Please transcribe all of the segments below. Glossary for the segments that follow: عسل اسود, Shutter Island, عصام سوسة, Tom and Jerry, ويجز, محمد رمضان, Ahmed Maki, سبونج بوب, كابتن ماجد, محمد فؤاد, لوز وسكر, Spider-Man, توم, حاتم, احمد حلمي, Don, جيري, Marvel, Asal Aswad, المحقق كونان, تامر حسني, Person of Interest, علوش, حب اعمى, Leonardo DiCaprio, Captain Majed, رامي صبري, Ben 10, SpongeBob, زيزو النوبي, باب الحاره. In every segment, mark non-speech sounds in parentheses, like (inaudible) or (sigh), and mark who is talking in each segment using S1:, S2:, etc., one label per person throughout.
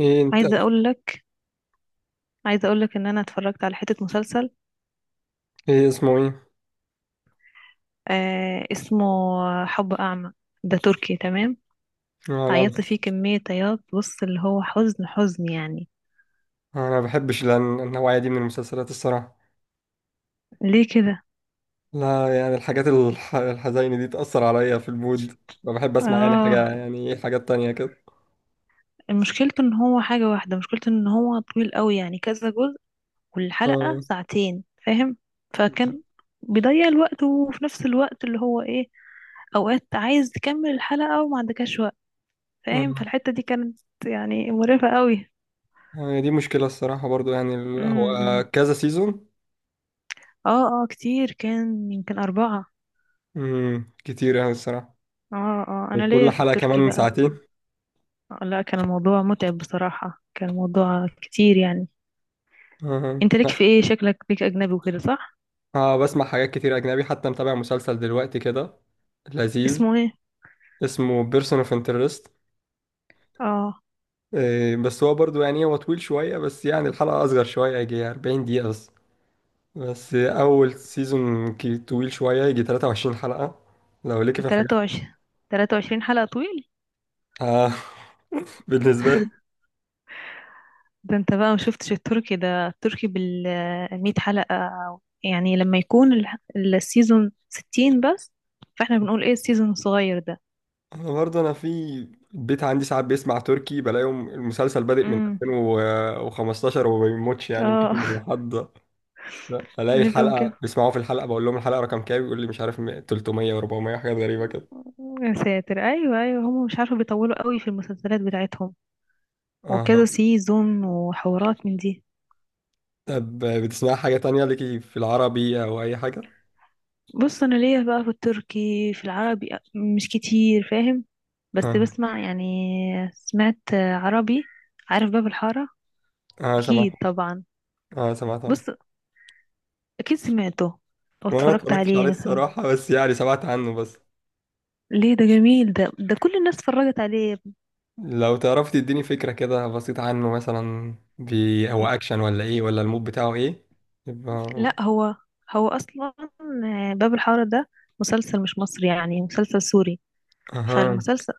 S1: ايه انت؟
S2: عايزة اقول لك عايزة اقول لك ان انا اتفرجت على حتة مسلسل.
S1: ايه اسمه ايه؟
S2: اسمه حب اعمى. ده تركي تمام.
S1: انا
S2: عيطت
S1: لا.
S2: فيه كمية عياط. بص، اللي هو حزن حزن يعني.
S1: انا ما بحبش النوعيه دي من المسلسلات الصراحه.
S2: ليه كده؟
S1: لا يعني الحاجات الحزينه دي تأثر عليا في المود. فبحب اسمع
S2: اه،
S1: حاجه يعني إيه، حاجات تانية كده.
S2: مشكلته ان هو طويل قوي، يعني كذا جزء والحلقة
S1: اه
S2: ساعتين، فاهم؟ فكان بيضيع الوقت، وفي نفس الوقت اللي هو ايه، اوقات عايز تكمل الحلقة وما عندكش وقت، فاهم.
S1: اه.
S2: فالحتة دي كانت يعني مرهقة قوي.
S1: هي دي مشكله الصراحه برضو
S2: امم
S1: هو
S2: امم.
S1: كذا سيزون.
S2: اه اه، كتير، كان يمكن أربعة.
S1: كتير يعني الصراحه.
S2: اه اه، أنا ليا
S1: وكل
S2: في
S1: حلقه
S2: التركي
S1: كمان
S2: بقى.
S1: ساعتين.
S2: آه، لا، كان الموضوع متعب بصراحة، كان الموضوع كتير يعني.
S1: اه.
S2: انت ليك في ايه؟ شكلك ليك أجنبي وكده، صح؟
S1: بسمع حاجات كتير اجنبي، حتى متابع مسلسل دلوقتي كده لذيذ.
S2: اسمه ايه؟
S1: اسمه بيرسون اوف انترست.
S2: اه،
S1: بس هو برضو يعني هو طويل شوية، بس يعني الحلقة أصغر شوية، يجي 40 دقيقة بس. أول سيزون طويل شوية، يجي 23 حلقة لو ليكي في الحاجات.
S2: تلاتة وعشرين تلاتة وعشرين حلقة طويل.
S1: آه (laughs) بالنسبة لي.
S2: ده انت بقى مشفتش التركي، ده التركي بالمية حلقة، يعني لما يكون السيزون 60 بس. فاحنا بنقول ايه السيزون الصغير ده.
S1: أنا برضو في البيت عندي ساعات بيسمع تركي، بلاقيهم المسلسل بادئ من
S2: امم
S1: 2015 وما بيموتش، يعني مكمل
S2: اه.
S1: لحد
S2: (laughs)
S1: ألاقي
S2: بنبقى
S1: الحلقة بيسمعوها. في الحلقة بقول لهم الحلقة رقم كام، يقول لي مش عارف. 300 و400، حاجات غريبة كده.
S2: يا ساتر، ايوه ايوه، هم مش عارفه بيطولوا قوي في المسلسلات بتاعتهم
S1: آه.
S2: وكذا سيزون وحوارات من دي.
S1: طب بتسمع حاجة تانية ليكي في العربي أو أي حاجة؟
S2: بص انا ليا بقى في التركي، في العربي مش كتير، فاهم. بس
S1: آه.
S2: بسمع يعني. سمعت عربي، عارف باب الحاره؟
S1: اه سمعت.
S2: اكيد طبعا.
S1: اه سمعت عنه.
S2: بص، اكيد سمعته او
S1: وانا ما
S2: اتفرجت
S1: اتفرجتش
S2: عليه
S1: عليه
S2: مثلا.
S1: الصراحة، بس يعني سمعت عنه بس.
S2: ليه؟ ده جميل، ده كل الناس اتفرجت عليه.
S1: لو تعرف تديني فكرة كده بسيطة عنه، مثلا هو
S2: م-
S1: اكشن ولا ايه، ولا المود بتاعه ايه يبقى.
S2: لا، هو اصلا باب الحاره ده مسلسل مش مصري، يعني مسلسل سوري.
S1: اها.
S2: فالمسلسل،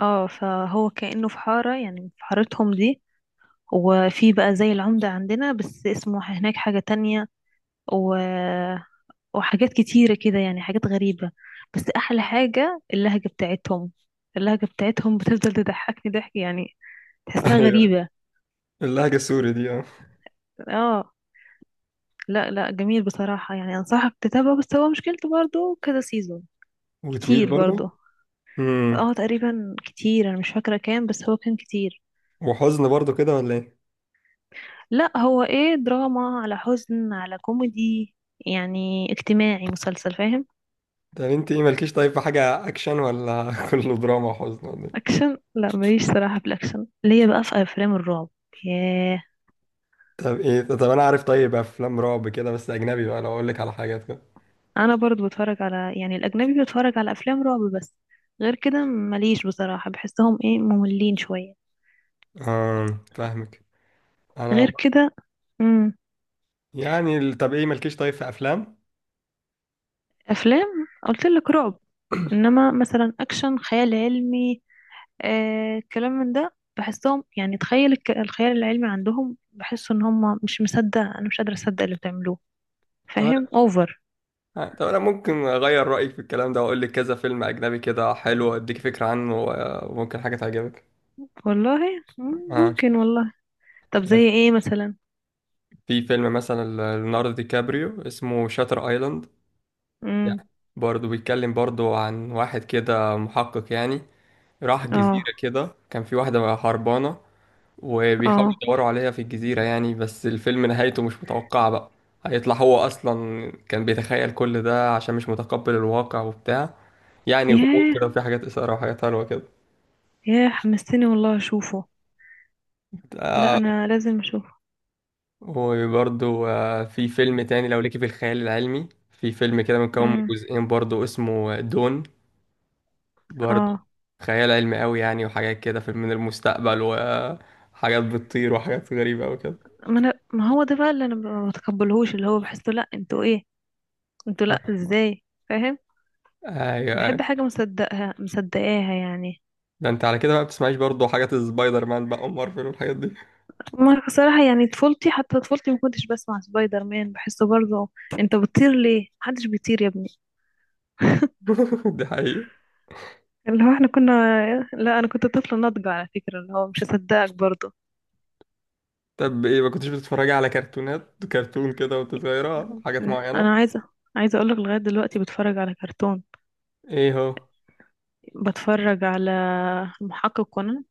S2: اه فهو كأنه في حارة، يعني في حارتهم دي، وفي بقى زي العمدة عندنا بس اسمه هناك حاجة تانية، و... وحاجات كتيرة كده، يعني حاجات غريبة. بس أحلى حاجة اللهجة بتاعتهم. اللهجة بتاعتهم بتفضل تضحكني ضحك يعني،
S1: (laughs)
S2: تحسها
S1: ايوه.
S2: غريبة.
S1: اللهجة السوري دي، اه.
S2: اه، لا لا، جميل بصراحة، يعني أنصحك تتابعه، بس هو مشكلته برضه كذا سيزون،
S1: وطويل
S2: كتير
S1: برضه.
S2: برضه.
S1: امم
S2: اه، تقريبا كتير، أنا مش فاكرة كام، بس هو كان كتير.
S1: وحزن برضه كده ولا ايه؟
S2: لا، هو ايه، دراما على حزن على كوميدي، يعني اجتماعي، مسلسل فاهم.
S1: طب انت ايه مالكيش طيب في حاجة اكشن، ولا (laughs) كله دراما وحزن ولا ايه؟
S2: اكشن لا، ماليش صراحة في الاكشن، ليا بقى في افلام الرعب. ياه.
S1: طب انا عارف. طيب افلام رعب كده بس اجنبي بقى، لو اقول لك على حاجات كده.
S2: انا برضو بتفرج على يعني الاجنبي، بتفرج على افلام رعب بس، غير كده ماليش بصراحة، بحسهم ايه، مملين شوية.
S1: اه فاهمك. انا
S2: غير كده. امم
S1: يعني ال- طب ايه مالكيش طيب في افلام.
S2: افلام، قلت لك رعب، انما مثلا اكشن خيال علمي، الكلام من ده، بحسهم يعني تخيل الخيال العلمي عندهم، بحس ان هم مش مصدق، انا مش قادرة اصدق اللي بتعملوه،
S1: طب انا
S2: فاهم؟ اوفر.
S1: طب أنا ممكن اغير رايك في الكلام ده واقول لك كذا فيلم اجنبي كده حلو، اديك فكره عنه وممكن حاجه تعجبك.
S2: والله
S1: اه.
S2: ممكن والله. طب
S1: بس
S2: زي ايه مثلا؟
S1: في فيلم مثلا ليوناردو دي كابريو، اسمه شاتر ايلاند. يعني
S2: امم
S1: برضه بيتكلم برضه عن واحد كده محقق يعني. راح جزيره
S2: اه.
S1: كده، كان في واحده هربانه، وبيحاولوا
S2: اه
S1: يدوروا عليها في الجزيرة يعني. بس الفيلم نهايته مش متوقعة بقى. هيطلع هو أصلا كان بيتخيل كل ده عشان مش متقبل الواقع وبتاع. يعني غموض
S2: ياه
S1: كده، وفي حاجات إثارة وحاجات حلوة كده.
S2: ياه، حمستني والله اشوفه، لا
S1: آه.
S2: انا لازم اشوفه.
S1: وبرضو آه، في فيلم تاني لو ليكي في الخيال العلمي. في فيلم كده مكون من
S2: امم
S1: جزئين برضو، اسمه دون. برضو
S2: اه.
S1: خيال علمي قوي يعني، وحاجات كده من المستقبل، وحاجات بتطير وحاجات غريبة أوي كده.
S2: ما انا، ما هو ده بقى اللي انا ما بتقبلهوش، اللي هو بحسه، لا انتوا ايه، انتوا لا، ازاي؟ فاهم. بحب
S1: ايوه.
S2: حاجة مصدقها مصدقاها يعني.
S1: ده انت على كده بقى بتسمعيش برضه حاجات السبايدر مان بقى، ام مارفل والحاجات دي.
S2: ما صراحة، يعني طفولتي، حتى طفولتي ما كنتش بسمع سبايدر مان، بحسه برضه انت بتطير ليه، محدش بيطير يا ابني.
S1: (laughs) دي حقيقة.
S2: اللي هو احنا كنا، لا انا كنت طفلة ناضجة على فكرة، اللي هو مش هصدقك برضه.
S1: طب ايه، ما كنتش بتتفرجي على كرتونات، كرتون كده وانت صغيرة، حاجات معينة؟
S2: انا عايزة اقولك لغاية دلوقتي بتفرج على كرتون.
S1: ايه هو؟
S2: بتفرج على المحقق كونان.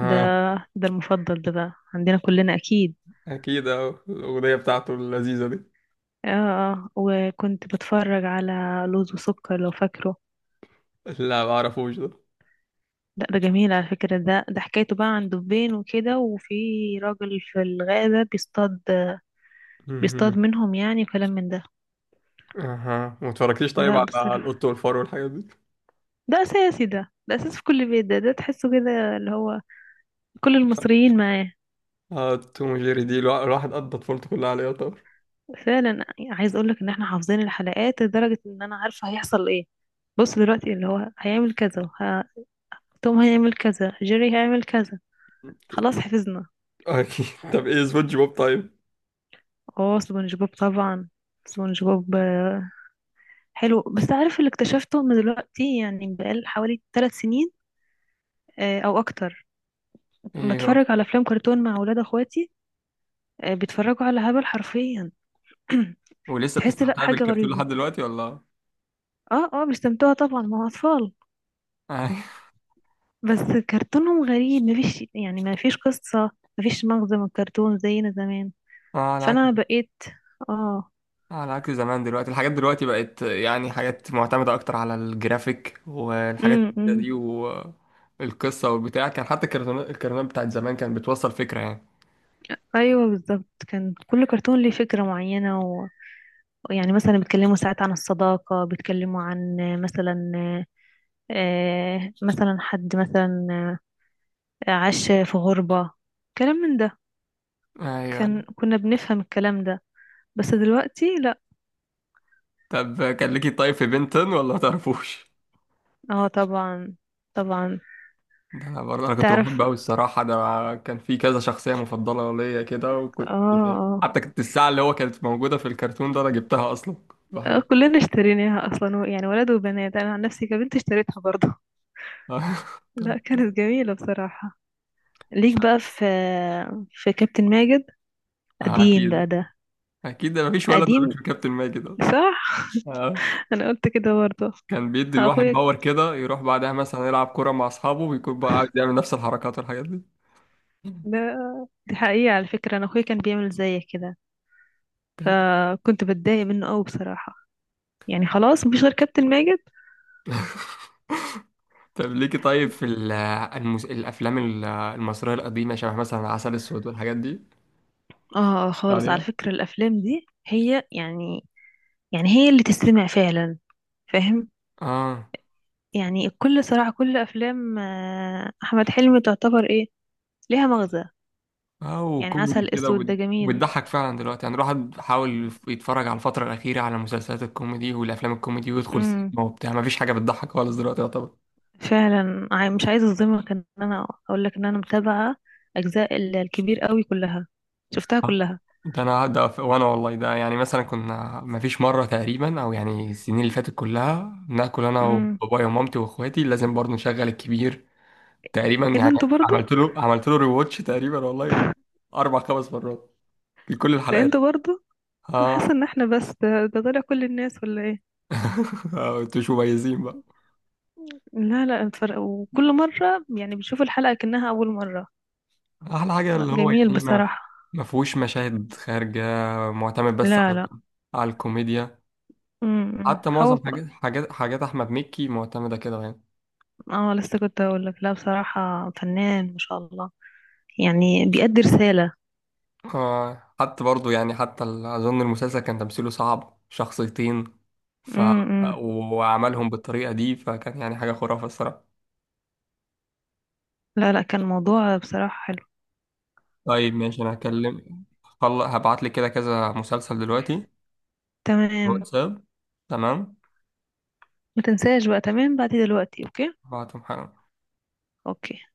S2: ده ده المفضل ده بقى عندنا كلنا اكيد.
S1: اكيد، اهو الاغنية بتاعته اللذيذة دي.
S2: اه آه. وكنت بتفرج على لوز وسكر لو فاكره.
S1: لا ما اعرفوش ده. (laughs)
S2: لا، ده جميل على فكرة، ده حكايته بقى عن دبين وكده، وفي راجل في الغابة بيصطاد،
S1: مهم.
S2: بيصطاد منهم يعني، وكلام من ده.
S1: اها، ما اتفرجتيش طيب
S2: لا
S1: على
S2: بصراحة،
S1: القط والفار والحاجات دي؟
S2: ده أساسي، ده أساس في كل بيت، ده تحسه كده اللي هو كل المصريين معاه.
S1: اه توم وجيري، دي الواحد قضى طفولته كلها عليها طبعا.
S2: فعلا. عايز أقولك إن احنا حافظين الحلقات لدرجة إن أنا عارفة هيحصل إيه. بص دلوقتي اللي هو هيعمل كذا، توم هيعمل كذا، جيري هيعمل كذا، خلاص حفظنا.
S1: (laughs) اكيد. طب ايه سبونج بوب طيب؟
S2: اه سبونج بوب طبعا. سبونج بوب، آه، حلو. بس عارف اللي اكتشفته، ان دلوقتي يعني بقال حوالي 3 سنين، او اكتر،
S1: ايه هو؟
S2: بتفرج على افلام كرتون مع اولاد اخواتي، بيتفرجوا على هبل حرفيا. (clears throat)
S1: ولسه
S2: تحس لا،
S1: بتستمتع
S2: حاجة
S1: بالكرتون
S2: غريبة.
S1: لحد دلوقتي ولا (laughs)
S2: اه اه، بيستمتعوا طبعا، ما هو اطفال،
S1: ايوه.
S2: بس كرتونهم غريب، يعني مفيش قصة، مفيش مغزى من الكرتون زينا زمان،
S1: اه على.
S2: فانا بقيت اه
S1: على عكس زمان، دلوقتي الحاجات دلوقتي بقت يعني حاجات معتمدة أكتر على الجرافيك والحاجات
S2: أمم.
S1: دي، والقصة والبتاع. كان حتى الكرتونات، الكرتونات بتاعت زمان كانت بتوصل فكرة يعني.
S2: ايوه بالظبط، كان كل كرتون ليه فكرة معينة يعني مثلا بيتكلموا ساعات عن الصداقة، بيتكلموا عن مثلا، مثلا حد مثلا عاش في غربة، كلام من ده.
S1: أيوة.
S2: كان كنا بنفهم الكلام ده، بس دلوقتي لا.
S1: طب كان ليكي طيب في بنتن ولا ما تعرفوش؟
S2: اه طبعا، طبعا.
S1: ده أنا برضه أنا كنت بحب
S2: تعرف، اه
S1: أوي الصراحة. ده أنا كان في كذا شخصية مفضلة ليا كده، وكنت
S2: اه.
S1: حتى كنت الساعة اللي هو كانت موجودة في الكرتون ده أنا جبتها أصلا.
S2: آه،
S1: بحب.
S2: كلنا اشتريناها اصلا يعني ولد وبنات، انا عن نفسي كبنت اشتريتها برضه.
S1: (laughs)
S2: (laughs) لا، كانت جميلة بصراحة. ليك بقى في، في كابتن ماجد، قديم بقى
S1: أكيد.
S2: ده،
S1: أكيد مفيش ولد ملوش
S2: قديم،
S1: في كابتن ماجد
S2: صح؟
S1: ده.
S2: (laughs) انا قلت كده برضه.
S1: كان بيدي الواحد
S2: اخويا
S1: باور كده، يروح بعدها مثلا يلعب كرة مع أصحابه ويكون بقى قاعد يعمل نفس الحركات والحاجات دي.
S2: ده، دي حقيقة على فكرة، انا اخويا كان بيعمل زيك كده،
S1: طب.
S2: فكنت بتضايق منه قوي بصراحة، يعني خلاص مفيش غير كابتن ماجد.
S1: ليكي طيب في الأفلام المصرية القديمة شبه مثلا عسل أسود والحاجات دي؟
S2: اه خالص، على
S1: عليها.
S2: فكرة الافلام دي هي يعني، يعني هي اللي تستمع فعلا، فاهم.
S1: اه.
S2: يعني صراحة كل افلام احمد حلمي تعتبر ايه، ليها مغزى،
S1: أو
S2: يعني
S1: كوميدي
S2: عسل
S1: كده
S2: اسود ده جميل.
S1: وبتضحك فعلا. دلوقتي يعني الواحد حاول يتفرج على الفترة الأخيرة على مسلسلات الكوميدي والأفلام الكوميدي، ويدخل
S2: امم.
S1: سينما وبتاع، مفيش حاجة بتضحك خالص دلوقتي يعتبر.
S2: فعلا، مش عايزة اظلمك، ان انا اقول لك ان انا متابعة اجزاء الكبير قوي كلها، شفتها كلها.
S1: ده انا ده ف- وانا والله، ده يعني مثلا كنا، ما فيش مره تقريبا، او يعني السنين اللي فاتت كلها ناكل انا
S2: امم
S1: وبابايا ومامتي واخواتي لازم برضه نشغل الكبير تقريبا
S2: ايه ده
S1: يعني.
S2: انتوا برضو
S1: عملت له ريواتش تقريبا والله، اربع خمس مرات في كل
S2: ده
S1: الحلقات.
S2: انتوا برضو انا حاسة
S1: اه.
S2: ان احنا بس ده طلع كل الناس، ولا ايه؟
S1: (laughs) انتوا مش مميزين بقى.
S2: لا لا، اتفرج وكل مرة يعني بشوف الحلقة كأنها أول مرة.
S1: احلى حاجه
S2: لا
S1: اللي هو
S2: جميل بصراحة.
S1: ما فيهوش مشاهد خارجه، معتمد بس
S2: لا
S1: على،
S2: لا.
S1: على الكوميديا.
S2: امم
S1: حتى معظم
S2: هو ك...
S1: حاجات احمد مكي معتمده كده يعني.
S2: اه لسه كنت هقول لك. لا بصراحة، فنان ما شاء الله، يعني بيأدي رسالة.
S1: آه حتى برضو يعني أظن المسلسل كان تمثيله صعب، شخصيتين ف،
S2: امم،
S1: وعملهم بالطريقة دي، فكان يعني حاجة خرافة الصراحة.
S2: لا لا، كان موضوع بصراحة حلو.
S1: طيب ماشي، أنا هكلم، هبعت لك كده كذا مسلسل دلوقتي
S2: تمام.
S1: واتساب. تمام.
S2: ما تنساش بقى، تمام بعد دلوقتي، اوكي.
S1: هبعتهم حالا.
S2: اوكي.